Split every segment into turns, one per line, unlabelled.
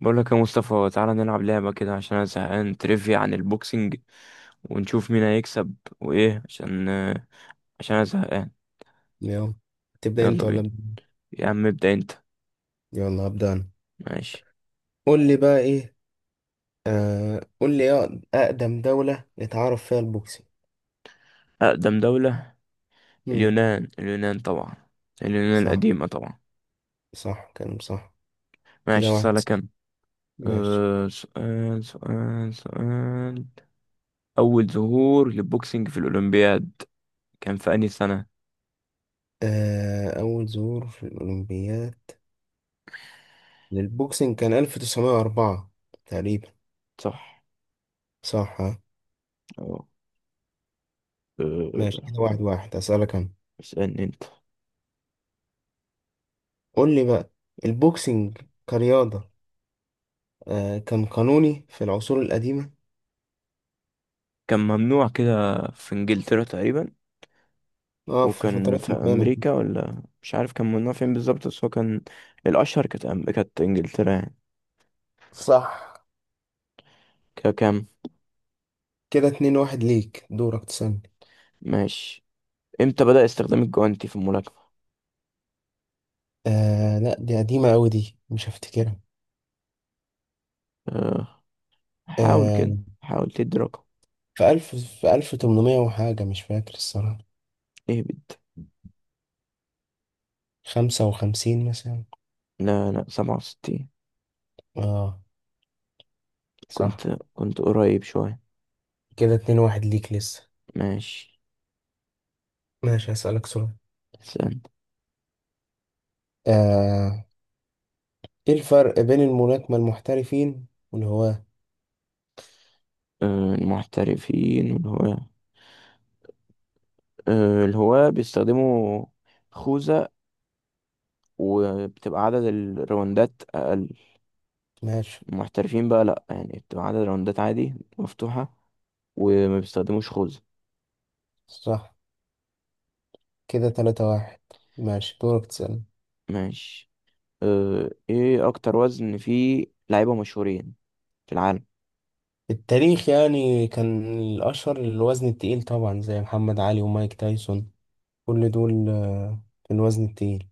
بقول لك يا مصطفى، تعالى نلعب لعبة كده عشان انا زهقان. تريفيا عن البوكسنج ونشوف مين هيكسب. وايه؟ عشان انا زهقان.
يلا، تبدأ
يلا
انت ولا
بينا.
أبدأ؟
يا عم ابدأ انت.
يلا هبدأ انا.
ماشي.
قول لي بقى ايه. قول لي ايه أقدم دولة اتعرف فيها البوكسنج.
أقدم دولة.
امم
اليونان، اليونان طبعا. اليونان
صح،
القديمة طبعا.
صح كلام صح. كده
ماشي،
واحد
سؤالك
صفر.
انا.
ماشي.
أه. سؤال سؤال سؤال. أول ظهور للبوكسنج في الأولمبياد كان في أنهي سنة؟
أول ظهور في الأولمبياد للبوكسنج كان 1904 تقريبا.
صح.
صح ها؟
أه.
ماشي،
آه.
كده واحد واحد، أسألك أنا.
اسألني أنت.
قول لي بقى، البوكسنج كرياضة، كان قانوني في العصور القديمة.
كان ممنوع كده في إنجلترا تقريبا.
اه في
وكان
فترات
في
معينة كده.
امريكا ولا مش عارف كان منها فين بالظبط، بس هو كان الاشهر، كانت انجلترا يعني.
صح،
ككام؟
كده اتنين واحد ليك. دورك تسألني.
ماشي. امتى بدأ استخدام الجوانتي في الملاكمة؟
لا، دي قديمة أوي، دي مش هفتكرها.
أه... حاول
آه
كده، حاول تدي رقم.
في ألف تمنمية وحاجة، مش فاكر الصراحة.
اهبد.
خمسة وخمسين مثلا.
لا، لا، 67.
اه صح،
كنت كنت قريب شوية.
كده اتنين واحد ليك لسه.
ماشي.
ماشي، هسألك سؤال.
استنى.
آه ايه الفرق بين الملاكمة المحترفين والهواة.
المحترفين والهواة. الهواة بيستخدموا خوذة وبتبقى عدد الراوندات أقل.
ماشي،
المحترفين بقى لأ، يعني بتبقى عدد راوندات عادي مفتوحة وما بيستخدموش خوذة.
صح، كده تلاتة واحد. ماشي دورك تسألني.
ماشي. اه، ايه اكتر وزن فيه لعيبة مشهورين في العالم؟
التاريخ يعني كان الأشهر الوزن التقيل، طبعا زي محمد علي ومايك تايسون، كل دول في الوزن التقيل.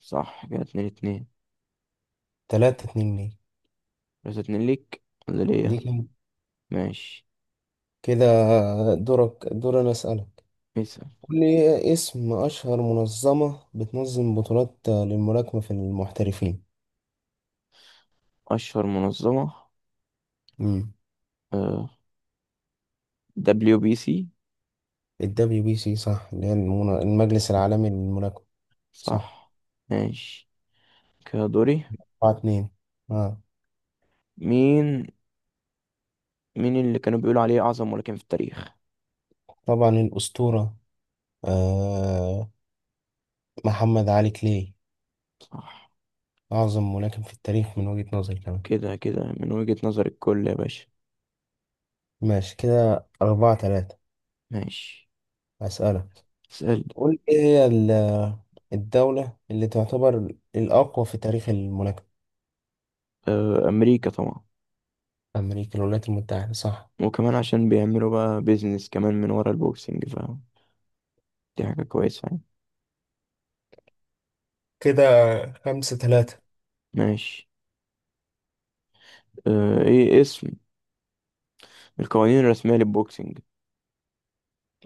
صح. كده اتنين اتنين.
تلاتة اتنين.
بس اتنين ليك ولا
ليه
ليا؟
ليه؟
ماشي.
كده كده. دورك، دور أنا أسألك.
اسأل.
قول لي، إيه اسم أشهر منظمة بتنظم بطولات للملاكمة في المحترفين.
اشهر منظمة.
امم
اه، دبليو بي سي.
الدبليو بي سي، صح، اللي هي المجلس العالمي للملاكمة. صح،
صح. ماشي. كده دوري.
أربعة اتنين. آه.
مين مين اللي كانوا بيقولوا عليه اعظم ملاكم في التاريخ؟
طبعا الأسطورة، آه. محمد علي كلاي،
صح،
أعظم ملاكم في التاريخ من وجهة نظري كمان.
كده كده من وجهة نظر الكل يا باشا.
ماشي، كده أربعة تلاتة.
ماشي.
أسألك،
اسأل.
قول ايه هي الدولة اللي تعتبر الأقوى في تاريخ الملاكمة.
اه، امريكا طبعا.
أمريكا، الولايات المتحدة، صح.
وكمان عشان بيعملوا بقى بيزنس كمان من ورا البوكسنج، فاهم؟ دي حاجة كويسة يعني.
كده خمسة ثلاثة.
ماشي. اه، ايه اسم القوانين الرسمية للبوكسينج؟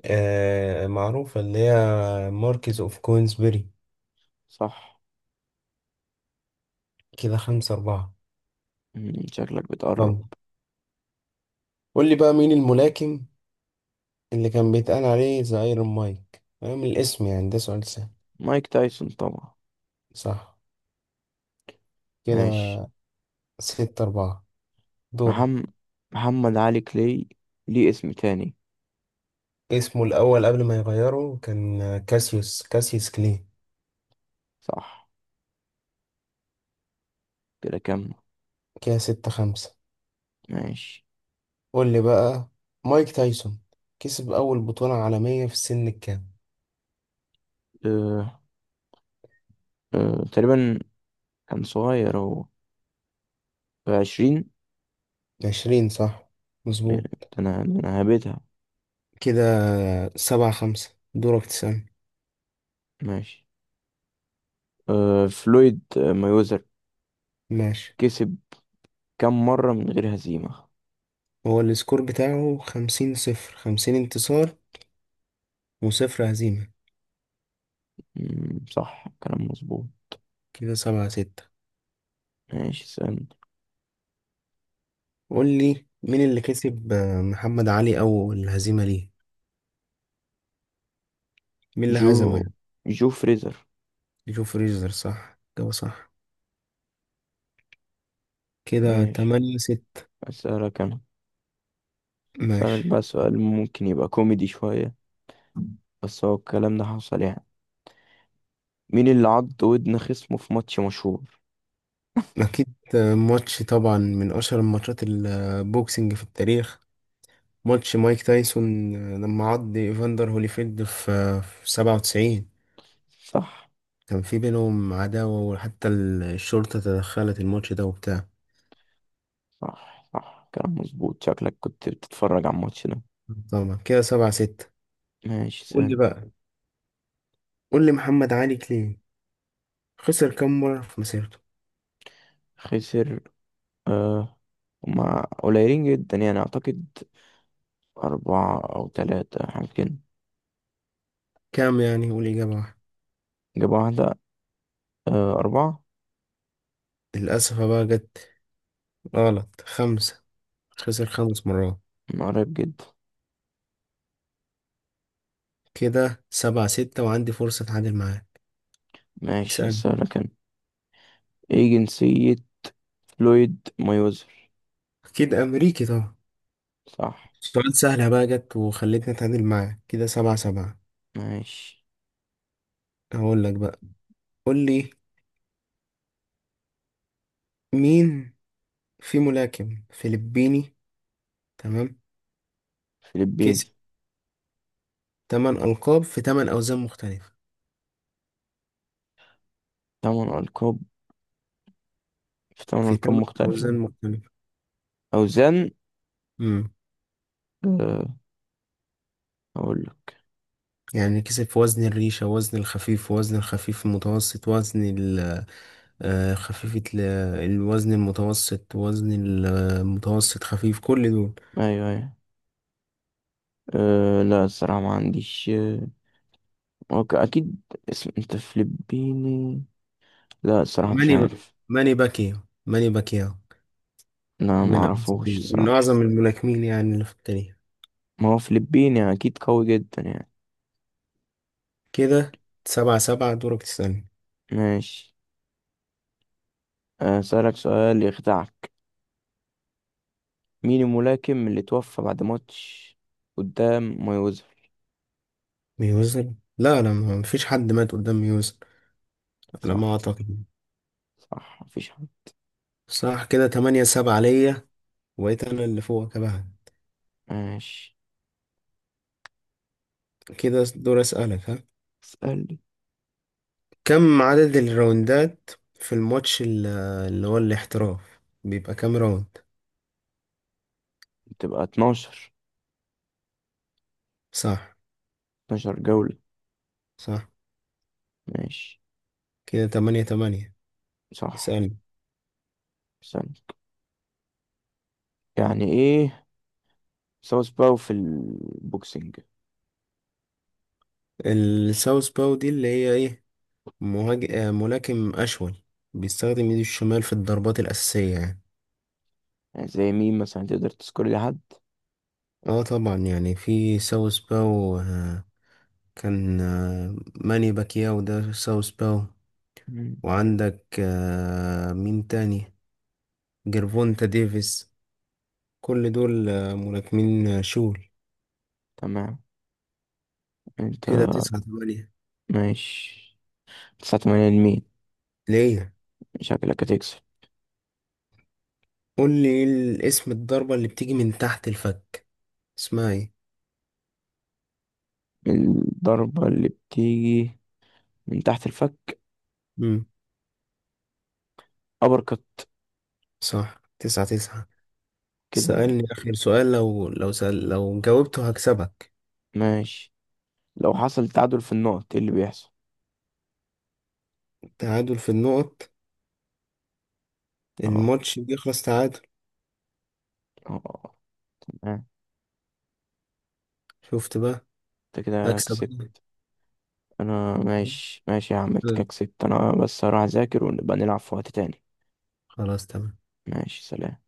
معروفة، اللي هي ماركيز أوف كوينزبري.
صح.
كده خمسة أربعة.
شكلك بتقرب.
يلا قول لي بقى، مين الملاكم اللي كان بيتقال عليه ذا ايرون مايك، فاهم الاسم يعني، ده سؤال سهل.
مايك تايسون طبعا.
صح. كده
ماشي.
ستة أربعة. دور.
محمد محمد علي كلاي، ليه اسم تاني؟
اسمه الأول قبل ما يغيره كان كاسيوس كلي.
صح. كده كم؟
كده ستة خمسة.
ماشي.
قول لي بقى، مايك تايسون كسب أول بطولة عالمية في السن الكام؟
اه، اه تقريبا كان صغير هو، في 20.
عشرين، صح،
يعني ده
مظبوط.
انا ده انا هبتها.
كده سبعة خمسة. دورك تسألني.
ماشي. اه، فلويد مايوزر
ماشي.
كسب كم مرة من غير هزيمة؟
هو السكور بتاعه خمسين صفر، خمسين انتصار وصفر هزيمة.
مم، صح كلام مظبوط.
كده سبعة ستة.
ماشي. سأل.
قول لي مين اللي كسب، محمد علي أول هزيمة ليه؟ مين اللي هزمه
جو
يعني؟
جو فريزر.
جو فريزر، صح، جوه صح. كده
ماشي.
تمانية ستة.
أسألك أنا. أسألك
ماشي.
بقى سؤال ممكن يبقى كوميدي شوية، بس هو الكلام ده حصل يعني. مين اللي عض ودن خصمه في ماتش مشهور؟
أكيد، ماتش طبعا من أشهر الماتشات البوكسنج في التاريخ، ماتش مايك تايسون لما عض ايفاندر هوليفيلد في 97.
صح،
كان في بينهم عداوة، وحتى الشرطة تدخلت الماتش ده وبتاع.
صح، صح، كلام مظبوط، شكلك كنت بتتفرج على الماتش ده.
طبعا. كده سبعة ستة.
ماشي
قول
سهل.
لي بقى. قول لي محمد علي كلين خسر كام مرة في مسيرته.
خسر. آه، هما قليلين جدا يعني أعتقد. أربعة أو تلاتة حاجة كده.
كام يعني، قول إجابة واحدة.
جاب واحدة. آه، أربعة.
للأسف بقى جت غلط، خمسة، خسر خمس مرات.
من قريب جدا.
كده سبعة ستة، وعندي فرصة أتعادل معاه.
ماشي.
اسأل.
أسألك أنا. إيه جنسية لويد مايوزر؟
أكيد، أمريكي طبعا.
صح.
سؤال سهلة بقى جت وخلتني أتعادل معاه. كده سبعة سبعة.
ماشي.
هقول لك بقى، قول لي مين في ملاكم فلبيني، تمام،
فلبين.
كسب 8 ألقاب في 8 أوزان مختلفة.
تمن ألقاب تمن
في
ألقاب
8
مختلفة.
أوزان مختلفة.
أوزان.
امم
أه، أقول لك.
يعني كسب في وزن الريشة، وزن الخفيف، وزن الخفيف المتوسط، آه، خفيفة ال- الوزن المتوسط، وزن المتوسط خفيف، كل دول.
أيوه، أيوه. أه، لا الصراحة ما عنديش. أه. أوكي، أكيد. اسم، أنت فلبيني؟ لا الصراحة مش
ماني ب...
عارف.
ماني باكيو، ماني باكيو.
لا، ما
من أعظم
أعرفوش
من
الصراحة.
أعظم الملاكمين يعني اللي في التاريخ.
ما هو فلبيني، أكيد قوي جدا يعني.
كده سبعة سبعة. دورك تسألني.
ماشي. آه، أسألك سؤال يخدعك. مين الملاكم اللي توفى بعد ماتش قدام مايوزر؟
ميوزن، لا لا، ما فيش حد مات قدام ميوزن على ما
صح.
اعتقد.
صح، مفيش حد.
صح. كده تمانية سبعة ليا، وبقيت انا اللي فوقك بقى.
ماشي.
كده دور اسألك، ها.
اسألني.
كم عدد الراوندات في اللي هو الاحتراف بيبقى كام راوند.
تبقى 12
صح،
12 جولة.
صح.
ماشي.
كده تمانية تمانية.
صح.
اسألني.
استنى. يعني ايه ساوث باو في البوكسنج؟
الساوث باو دي اللي هي ايه، مهاج... آه، ملاكم اشول بيستخدم ايده الشمال في الضربات الاساسية يعني.
يعني زي مين مثلا، تقدر تذكر لي حد؟
اه طبعا، يعني في ساوث باو، آه، كان آه، ماني باكياو ده ساوث باو،
مم.
وعندك مين تاني، جيرفونتا ديفيس، كل دول ملاكمين شول.
تمام. انت.
كده تسعة تمانية.
ماشي. تسعة تمانية لمين؟
ليه؟
شكلك هتكسب.
قول لي، إيه الاسم الضربة اللي بتيجي من تحت الفك، اسمها ايه؟
الضربة اللي بتيجي من تحت الفك،
مم.
أبر كت.
صح، تسعة تسعة.
كده.
سألني آخر سؤال، لو سأل لو جاوبته هكسبك.
ماشي. لو حصل تعادل في النقط، ايه اللي بيحصل؟
تعادل في النقط،
اه.
الماتش بيخلص تعادل.
اه. آه.
شفت بقى؟
انت كده
هكسب
كسبت.
أنا.
انا ماشي، ماشي يا عم، انت كده كسبت، انا بس هروح اذاكر ونبقى نلعب في وقت تاني.
خلاص تمام.
ماشي. سلام.